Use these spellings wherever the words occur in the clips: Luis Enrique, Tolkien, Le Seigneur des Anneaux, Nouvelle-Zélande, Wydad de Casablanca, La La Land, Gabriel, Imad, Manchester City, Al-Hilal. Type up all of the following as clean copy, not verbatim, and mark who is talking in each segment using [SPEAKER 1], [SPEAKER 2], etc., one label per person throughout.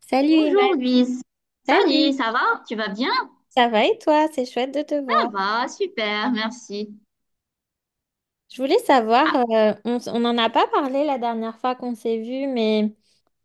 [SPEAKER 1] Salut
[SPEAKER 2] Bonjour
[SPEAKER 1] Imad,
[SPEAKER 2] Luis. Salut,
[SPEAKER 1] salut.
[SPEAKER 2] ça va? Tu vas bien?
[SPEAKER 1] Ça va et toi? C'est chouette de te
[SPEAKER 2] Ça
[SPEAKER 1] voir.
[SPEAKER 2] va, super, merci.
[SPEAKER 1] Je voulais savoir,
[SPEAKER 2] Ah,
[SPEAKER 1] on, on n'en a pas parlé la dernière fois qu'on s'est vu, mais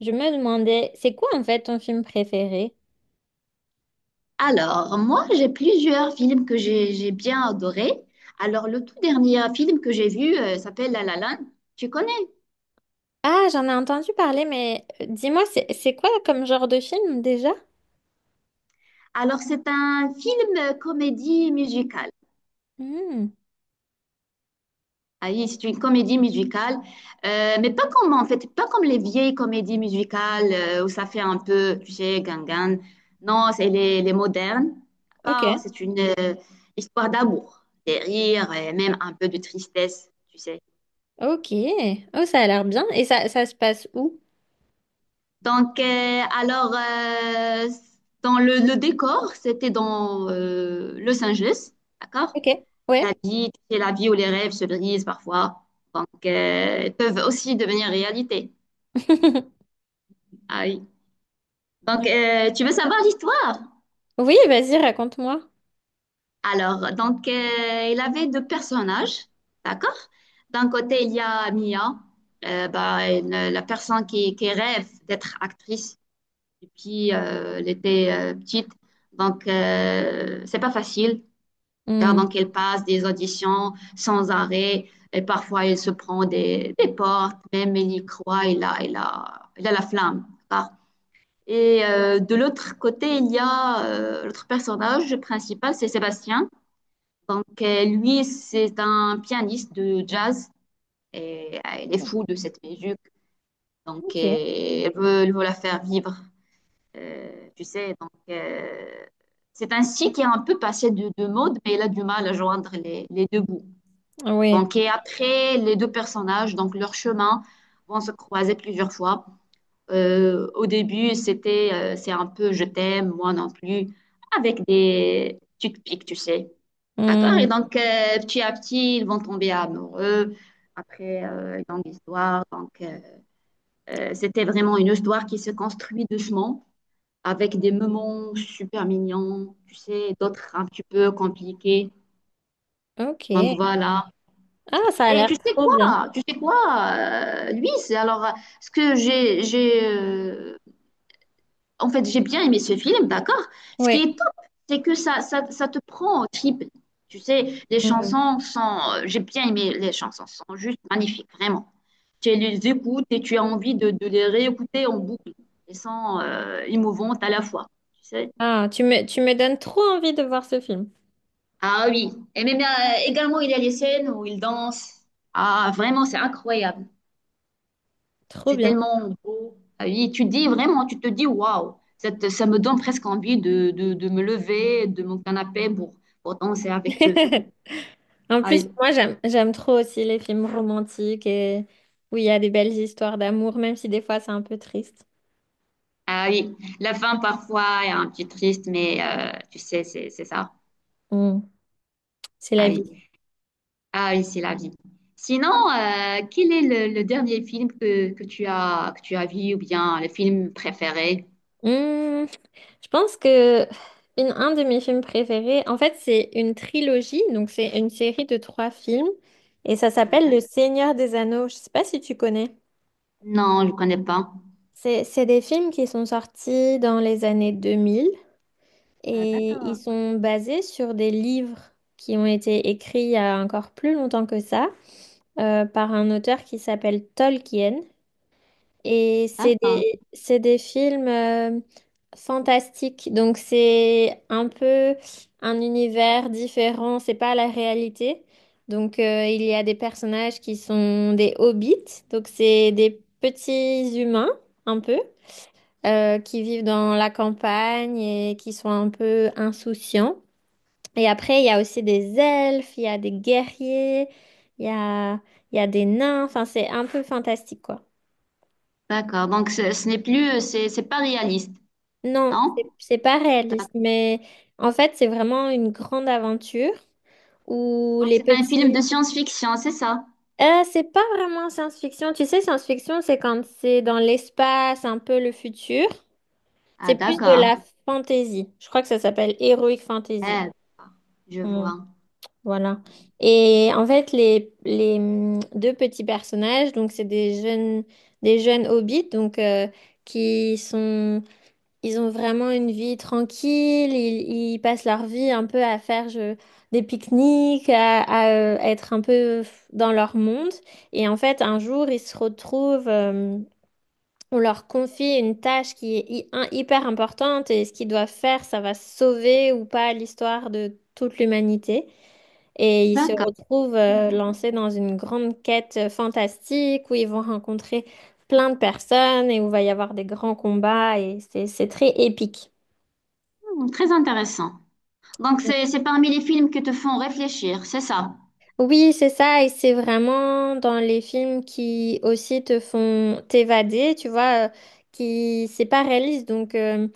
[SPEAKER 1] je me demandais, c'est quoi en fait ton film préféré?
[SPEAKER 2] alors, moi, j'ai plusieurs films que j'ai bien adorés. Alors, le tout dernier film que j'ai vu s'appelle La La Land. Tu connais?
[SPEAKER 1] Ah, j'en ai entendu parler, mais dis-moi, c'est quoi comme genre de film déjà?
[SPEAKER 2] Alors, c'est un film comédie musicale.
[SPEAKER 1] Hmm,
[SPEAKER 2] Ah oui, c'est une comédie musicale, mais pas comme les vieilles comédies musicales où ça fait un peu, tu sais, gangan. Non, c'est les modernes,
[SPEAKER 1] ok,
[SPEAKER 2] d'accord? C'est une histoire d'amour, des rires et même un peu de tristesse, tu sais.
[SPEAKER 1] ok. Oh, ça a l'air bien. Et ça se passe où?
[SPEAKER 2] Donc, euh, alors, euh, Dans le décor, c'était dans Los Angeles, d'accord?
[SPEAKER 1] Ok,
[SPEAKER 2] La
[SPEAKER 1] ouais.
[SPEAKER 2] vie, tu sais, la vie où les rêves se brisent parfois, donc ils peuvent aussi devenir réalité. Ah oui. Tu veux savoir l'histoire?
[SPEAKER 1] Oui, vas-y, raconte-moi.
[SPEAKER 2] Il avait deux personnages, d'accord? D'un côté, il y a Mia, bah, la personne qui rêve d'être actrice depuis elle était petite. Donc, c'est pas facile, car
[SPEAKER 1] Hmm,
[SPEAKER 2] donc elle passe des auditions sans arrêt et parfois elle se prend des portes, même elle y croit, elle a la flamme, d'accord. Et de l'autre côté, il y a l'autre personnage principal, c'est Sébastien. Donc, lui, c'est un pianiste de jazz et il est fou de cette musique. Donc,
[SPEAKER 1] ok,
[SPEAKER 2] il veut la faire vivre, tu sais. Donc, c'est un style qui est un peu passé de mode, mais il a du mal à joindre les deux bouts.
[SPEAKER 1] oui.
[SPEAKER 2] Donc, et après, les deux personnages, donc leur chemin, vont se croiser plusieurs fois. Au début, c'était c'est un peu je t'aime, moi non plus, avec des tu te piques, tu sais. D'accord? Et
[SPEAKER 1] Hmm,
[SPEAKER 2] donc, petit à petit, ils vont tomber amoureux. Après, longue histoire. C'était vraiment une histoire qui se construit doucement, avec des moments super mignons, tu sais, d'autres un petit peu compliqués.
[SPEAKER 1] ok.
[SPEAKER 2] Donc, voilà.
[SPEAKER 1] Ah, ça a
[SPEAKER 2] Et tu
[SPEAKER 1] l'air
[SPEAKER 2] sais
[SPEAKER 1] trop bien.
[SPEAKER 2] quoi? Tu sais quoi, Luis? Alors, ce que j'ai, en fait, j'ai bien aimé ce film, d'accord? Ce qui
[SPEAKER 1] Ouais.
[SPEAKER 2] est top, c'est que ça te prend au trip. Tu sais,
[SPEAKER 1] Mm.
[SPEAKER 2] J'ai bien aimé les chansons, sont juste magnifiques, vraiment. Tu les écoutes et tu as envie de les réécouter en boucle. Elles sont émouvantes à la fois, tu sais.
[SPEAKER 1] Ah, tu me donnes trop envie de voir ce film.
[SPEAKER 2] Ah oui, et même également, il y a les scènes où il danse. Ah, vraiment, c'est incroyable.
[SPEAKER 1] Trop
[SPEAKER 2] C'est
[SPEAKER 1] bien.
[SPEAKER 2] tellement beau. Ah oui, tu dis vraiment, tu te dis waouh, ça me donne presque envie de me lever de mon canapé pour danser avec eux.
[SPEAKER 1] En
[SPEAKER 2] Ah
[SPEAKER 1] plus,
[SPEAKER 2] oui,
[SPEAKER 1] moi, j'aime trop aussi les films romantiques et où il y a des belles histoires d'amour, même si des fois c'est un peu triste.
[SPEAKER 2] ah oui. La fin parfois est un petit triste, mais tu sais, c'est ça.
[SPEAKER 1] Mm. C'est
[SPEAKER 2] Ah
[SPEAKER 1] la
[SPEAKER 2] oui,
[SPEAKER 1] vie.
[SPEAKER 2] ah oui, c'est la vie. Sinon, quel est le dernier film que tu as vu ou bien le film préféré?
[SPEAKER 1] Mm. Je pense que un de mes films préférés, en fait, c'est une trilogie, donc c'est une série de trois films et ça s'appelle
[SPEAKER 2] Euh,
[SPEAKER 1] Le Seigneur des Anneaux. Je sais pas si tu connais.
[SPEAKER 2] Non, je ne connais pas.
[SPEAKER 1] C'est des films qui sont sortis dans les années 2000.
[SPEAKER 2] Ah,
[SPEAKER 1] Et ils
[SPEAKER 2] d'accord,
[SPEAKER 1] sont basés sur des livres qui ont été écrits il y a encore plus longtemps que ça, par un auteur qui s'appelle Tolkien. Et c'est
[SPEAKER 2] d'accord,
[SPEAKER 1] des, c'est des films fantastiques. Donc c'est un peu un univers différent, c'est pas la réalité. Donc il y a des personnages qui sont des hobbits. Donc c'est des petits humains, un peu, qui vivent dans la campagne et qui sont un peu insouciants. Et après, il y a aussi des elfes, il y a des guerriers, il y a, il y a des nains. Enfin, c'est un peu fantastique, quoi.
[SPEAKER 2] d'accord. Donc, ce n'est plus, c'est pas réaliste,
[SPEAKER 1] Non,
[SPEAKER 2] non?
[SPEAKER 1] c'est pas réaliste, mais en fait, c'est vraiment une grande aventure où
[SPEAKER 2] Donc,
[SPEAKER 1] les
[SPEAKER 2] c'est un film
[SPEAKER 1] petits...
[SPEAKER 2] de science-fiction, c'est ça?
[SPEAKER 1] C'est pas vraiment science-fiction. Tu sais, science-fiction, c'est quand c'est dans l'espace, un peu le futur.
[SPEAKER 2] Ah,
[SPEAKER 1] C'est plus de
[SPEAKER 2] d'accord.
[SPEAKER 1] la fantasy. Je crois que ça s'appelle heroic fantasy.
[SPEAKER 2] Eh, d'accord, je
[SPEAKER 1] Hmm.
[SPEAKER 2] vois.
[SPEAKER 1] Voilà. Et en fait, les deux petits personnages, donc c'est des jeunes hobbits, donc qui sont, ils ont vraiment une vie tranquille. Ils passent leur vie un peu à faire des pique-niques, à, être un peu dans leur monde. Et en fait, un jour, ils se retrouvent. On leur confie une tâche qui est hyper importante et ce qu'ils doivent faire, ça va sauver ou pas l'histoire de toute l'humanité. Et ils se
[SPEAKER 2] D'accord.
[SPEAKER 1] retrouvent lancés dans une grande quête fantastique où ils vont rencontrer plein de personnes et où va y avoir des grands combats et c'est très épique.
[SPEAKER 2] Hmm, très intéressant. Donc, c'est parmi les films qui te font réfléchir, c'est ça?
[SPEAKER 1] Oui, c'est ça, et c'est vraiment dans les films qui aussi te font t'évader, tu vois, qui c'est pas réaliste, donc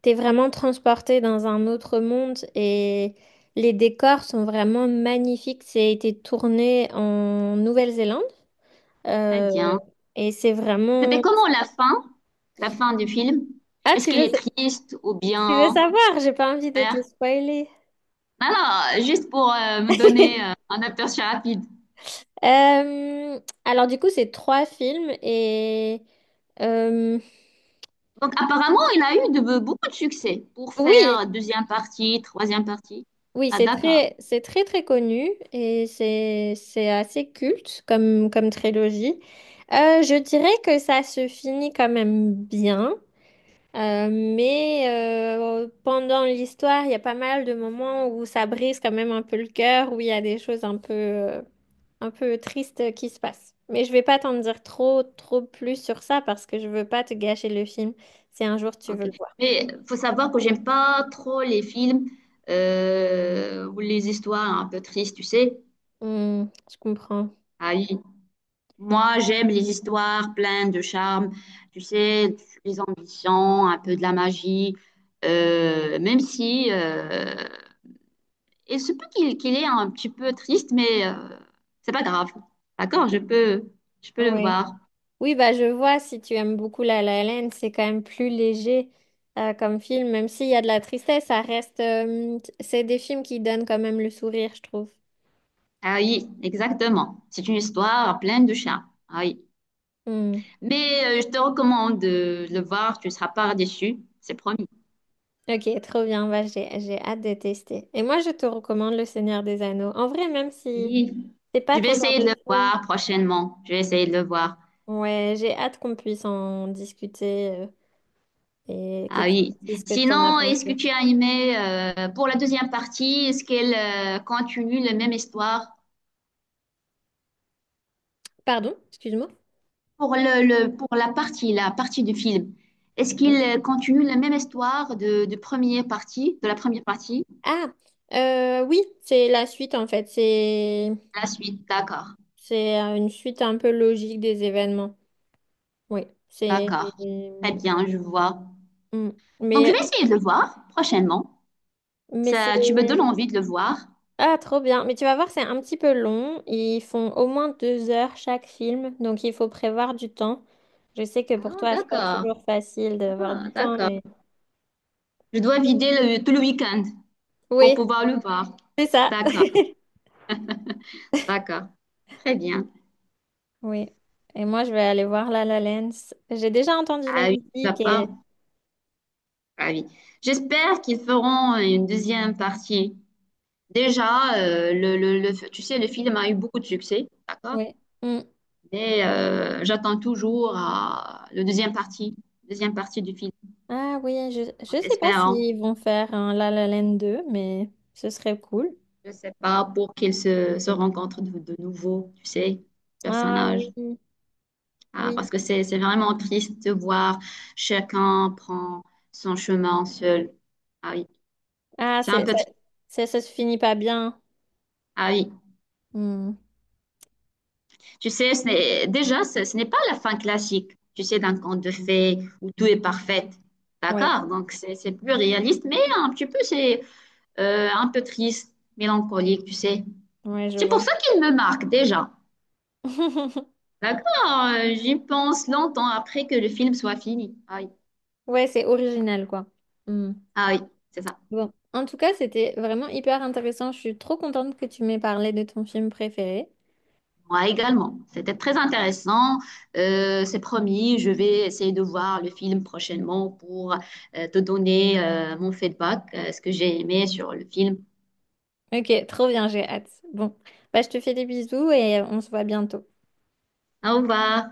[SPEAKER 1] t'es vraiment transporté dans un autre monde et les décors sont vraiment magnifiques. C'est été tourné en Nouvelle-Zélande
[SPEAKER 2] Très
[SPEAKER 1] euh,
[SPEAKER 2] bien.
[SPEAKER 1] et c'est
[SPEAKER 2] C'était
[SPEAKER 1] vraiment...
[SPEAKER 2] comment la fin? La fin du film?
[SPEAKER 1] Ah,
[SPEAKER 2] Est-ce
[SPEAKER 1] tu
[SPEAKER 2] qu'elle
[SPEAKER 1] veux,
[SPEAKER 2] est triste ou
[SPEAKER 1] tu veux
[SPEAKER 2] bien...
[SPEAKER 1] savoir? J'ai pas envie de te spoiler.
[SPEAKER 2] Non, non, juste pour me donner un aperçu rapide.
[SPEAKER 1] Alors du coup, c'est trois films et... euh,
[SPEAKER 2] Donc, apparemment, il a eu de, beaucoup de succès pour faire
[SPEAKER 1] oui,
[SPEAKER 2] deuxième partie, troisième partie.
[SPEAKER 1] oui,
[SPEAKER 2] Ah,
[SPEAKER 1] c'est
[SPEAKER 2] d'accord.
[SPEAKER 1] c'est très très connu et c'est assez culte comme trilogie. Je dirais que ça se finit quand même bien, mais pendant l'histoire, il y a pas mal de moments où ça brise quand même un peu le cœur, où il y a des choses un peu tristes qui se passent. Mais je vais pas t'en dire trop trop plus sur ça parce que je veux pas te gâcher le film si un jour tu
[SPEAKER 2] Ok.
[SPEAKER 1] veux le voir.
[SPEAKER 2] Mais faut savoir que j'aime pas trop les films ou les histoires un peu tristes, tu sais.
[SPEAKER 1] Hmm, je comprends.
[SPEAKER 2] Ah oui. Moi, j'aime les histoires pleines de charme, tu sais, les ambitions, un peu de la magie. Même si il se peut qu'il est un petit peu triste, mais c'est pas grave. D'accord, je peux le
[SPEAKER 1] Ouais.
[SPEAKER 2] voir.
[SPEAKER 1] Oui, bah, je vois, si tu aimes beaucoup La La Land, c'est quand même plus léger comme film, même s'il y a de la tristesse, ça reste... c'est des films qui donnent quand même le sourire, je trouve.
[SPEAKER 2] Ah oui, exactement. C'est une histoire pleine de charme. Ah oui.
[SPEAKER 1] Hmm.
[SPEAKER 2] Mais je te recommande de le voir, tu ne seras pas déçu, c'est promis.
[SPEAKER 1] Ok, trop bien, bah, j'ai hâte de tester. Et moi, je te recommande Le Seigneur des Anneaux. En vrai, même si
[SPEAKER 2] Oui.
[SPEAKER 1] c'est pas
[SPEAKER 2] Je vais
[SPEAKER 1] ton genre
[SPEAKER 2] essayer de
[SPEAKER 1] de
[SPEAKER 2] le
[SPEAKER 1] film,
[SPEAKER 2] voir prochainement. Je vais essayer de le voir.
[SPEAKER 1] ouais, j'ai hâte qu'on puisse en discuter et que
[SPEAKER 2] Ah
[SPEAKER 1] tu me
[SPEAKER 2] oui.
[SPEAKER 1] dises ce que tu en as
[SPEAKER 2] Sinon, est-ce que
[SPEAKER 1] pensé.
[SPEAKER 2] tu as aimé pour la deuxième partie, est-ce qu'elle continue la même histoire
[SPEAKER 1] Pardon, excuse-moi.
[SPEAKER 2] pour pour la partie du film? Est-ce qu'il
[SPEAKER 1] Oui.
[SPEAKER 2] continue la même histoire de première partie, de la première partie?
[SPEAKER 1] Ah, oui, c'est la suite en fait. C'est
[SPEAKER 2] La suite, d'accord,
[SPEAKER 1] C'est euh, une suite un peu logique des événements. Oui, c'est...
[SPEAKER 2] d'accord. Très bien, je vois.
[SPEAKER 1] Mm.
[SPEAKER 2] Donc je
[SPEAKER 1] Mais,
[SPEAKER 2] vais essayer de le voir prochainement.
[SPEAKER 1] mais c'est...
[SPEAKER 2] Ça, tu me donnes envie de le voir.
[SPEAKER 1] Ah, trop bien. Mais tu vas voir, c'est un petit peu long. Ils font au moins 2 heures chaque film, donc il faut prévoir du temps. Je sais que pour
[SPEAKER 2] Ah,
[SPEAKER 1] toi, c'est pas
[SPEAKER 2] d'accord.
[SPEAKER 1] toujours facile d'avoir
[SPEAKER 2] Ah,
[SPEAKER 1] du temps,
[SPEAKER 2] d'accord.
[SPEAKER 1] mais...
[SPEAKER 2] Je dois vider tout le week-end pour
[SPEAKER 1] Oui,
[SPEAKER 2] pouvoir le voir.
[SPEAKER 1] c'est ça.
[SPEAKER 2] D'accord, d'accord. Très bien.
[SPEAKER 1] Oui. Et moi, je vais aller voir La La Land. J'ai déjà entendu la
[SPEAKER 2] Ah oui, tu vas
[SPEAKER 1] musique
[SPEAKER 2] pas.
[SPEAKER 1] et...
[SPEAKER 2] Ah oui. J'espère qu'ils feront une deuxième partie. Déjà, tu sais, le film a eu beaucoup de succès, d'accord?
[SPEAKER 1] Oui. Mm.
[SPEAKER 2] Mais j'attends toujours à le deuxième partie du film.
[SPEAKER 1] Ah oui,
[SPEAKER 2] En
[SPEAKER 1] je sais pas
[SPEAKER 2] espérant,
[SPEAKER 1] s'ils vont faire un La La Land 2 mais ce serait cool.
[SPEAKER 2] je sais pas, pour qu'ils se rencontrent de nouveau, tu sais,
[SPEAKER 1] Ah oui,
[SPEAKER 2] personnages. Ah,
[SPEAKER 1] oui.
[SPEAKER 2] parce que c'est vraiment triste de voir chacun prend son chemin seul. Ah oui,
[SPEAKER 1] Ah,
[SPEAKER 2] c'est un peu triste.
[SPEAKER 1] ça se finit pas bien.
[SPEAKER 2] Ah oui,
[SPEAKER 1] Hmm.
[SPEAKER 2] tu sais, ce n'est pas la fin classique, tu sais, d'un conte de fées où tout est parfait.
[SPEAKER 1] Ouais,
[SPEAKER 2] D'accord? Donc, c'est plus réaliste, mais un petit peu, c'est un peu triste, mélancolique, tu sais.
[SPEAKER 1] ouais, je
[SPEAKER 2] C'est pour
[SPEAKER 1] vois.
[SPEAKER 2] ça qu'il me marque déjà. D'accord? J'y pense longtemps après que le film soit fini. Ah oui,
[SPEAKER 1] Ouais, c'est original, quoi. Hmm.
[SPEAKER 2] ah oui, c'est ça.
[SPEAKER 1] Bon, en tout cas, c'était vraiment hyper intéressant. Je suis trop contente que tu m'aies parlé de ton film préféré.
[SPEAKER 2] Moi également. C'était très intéressant. C'est promis, je vais essayer de voir le film prochainement pour te donner mon feedback, ce que j'ai aimé sur le film.
[SPEAKER 1] Ok, trop bien, j'ai hâte. Bon, bah, je te fais des bisous et on se voit bientôt.
[SPEAKER 2] Au revoir.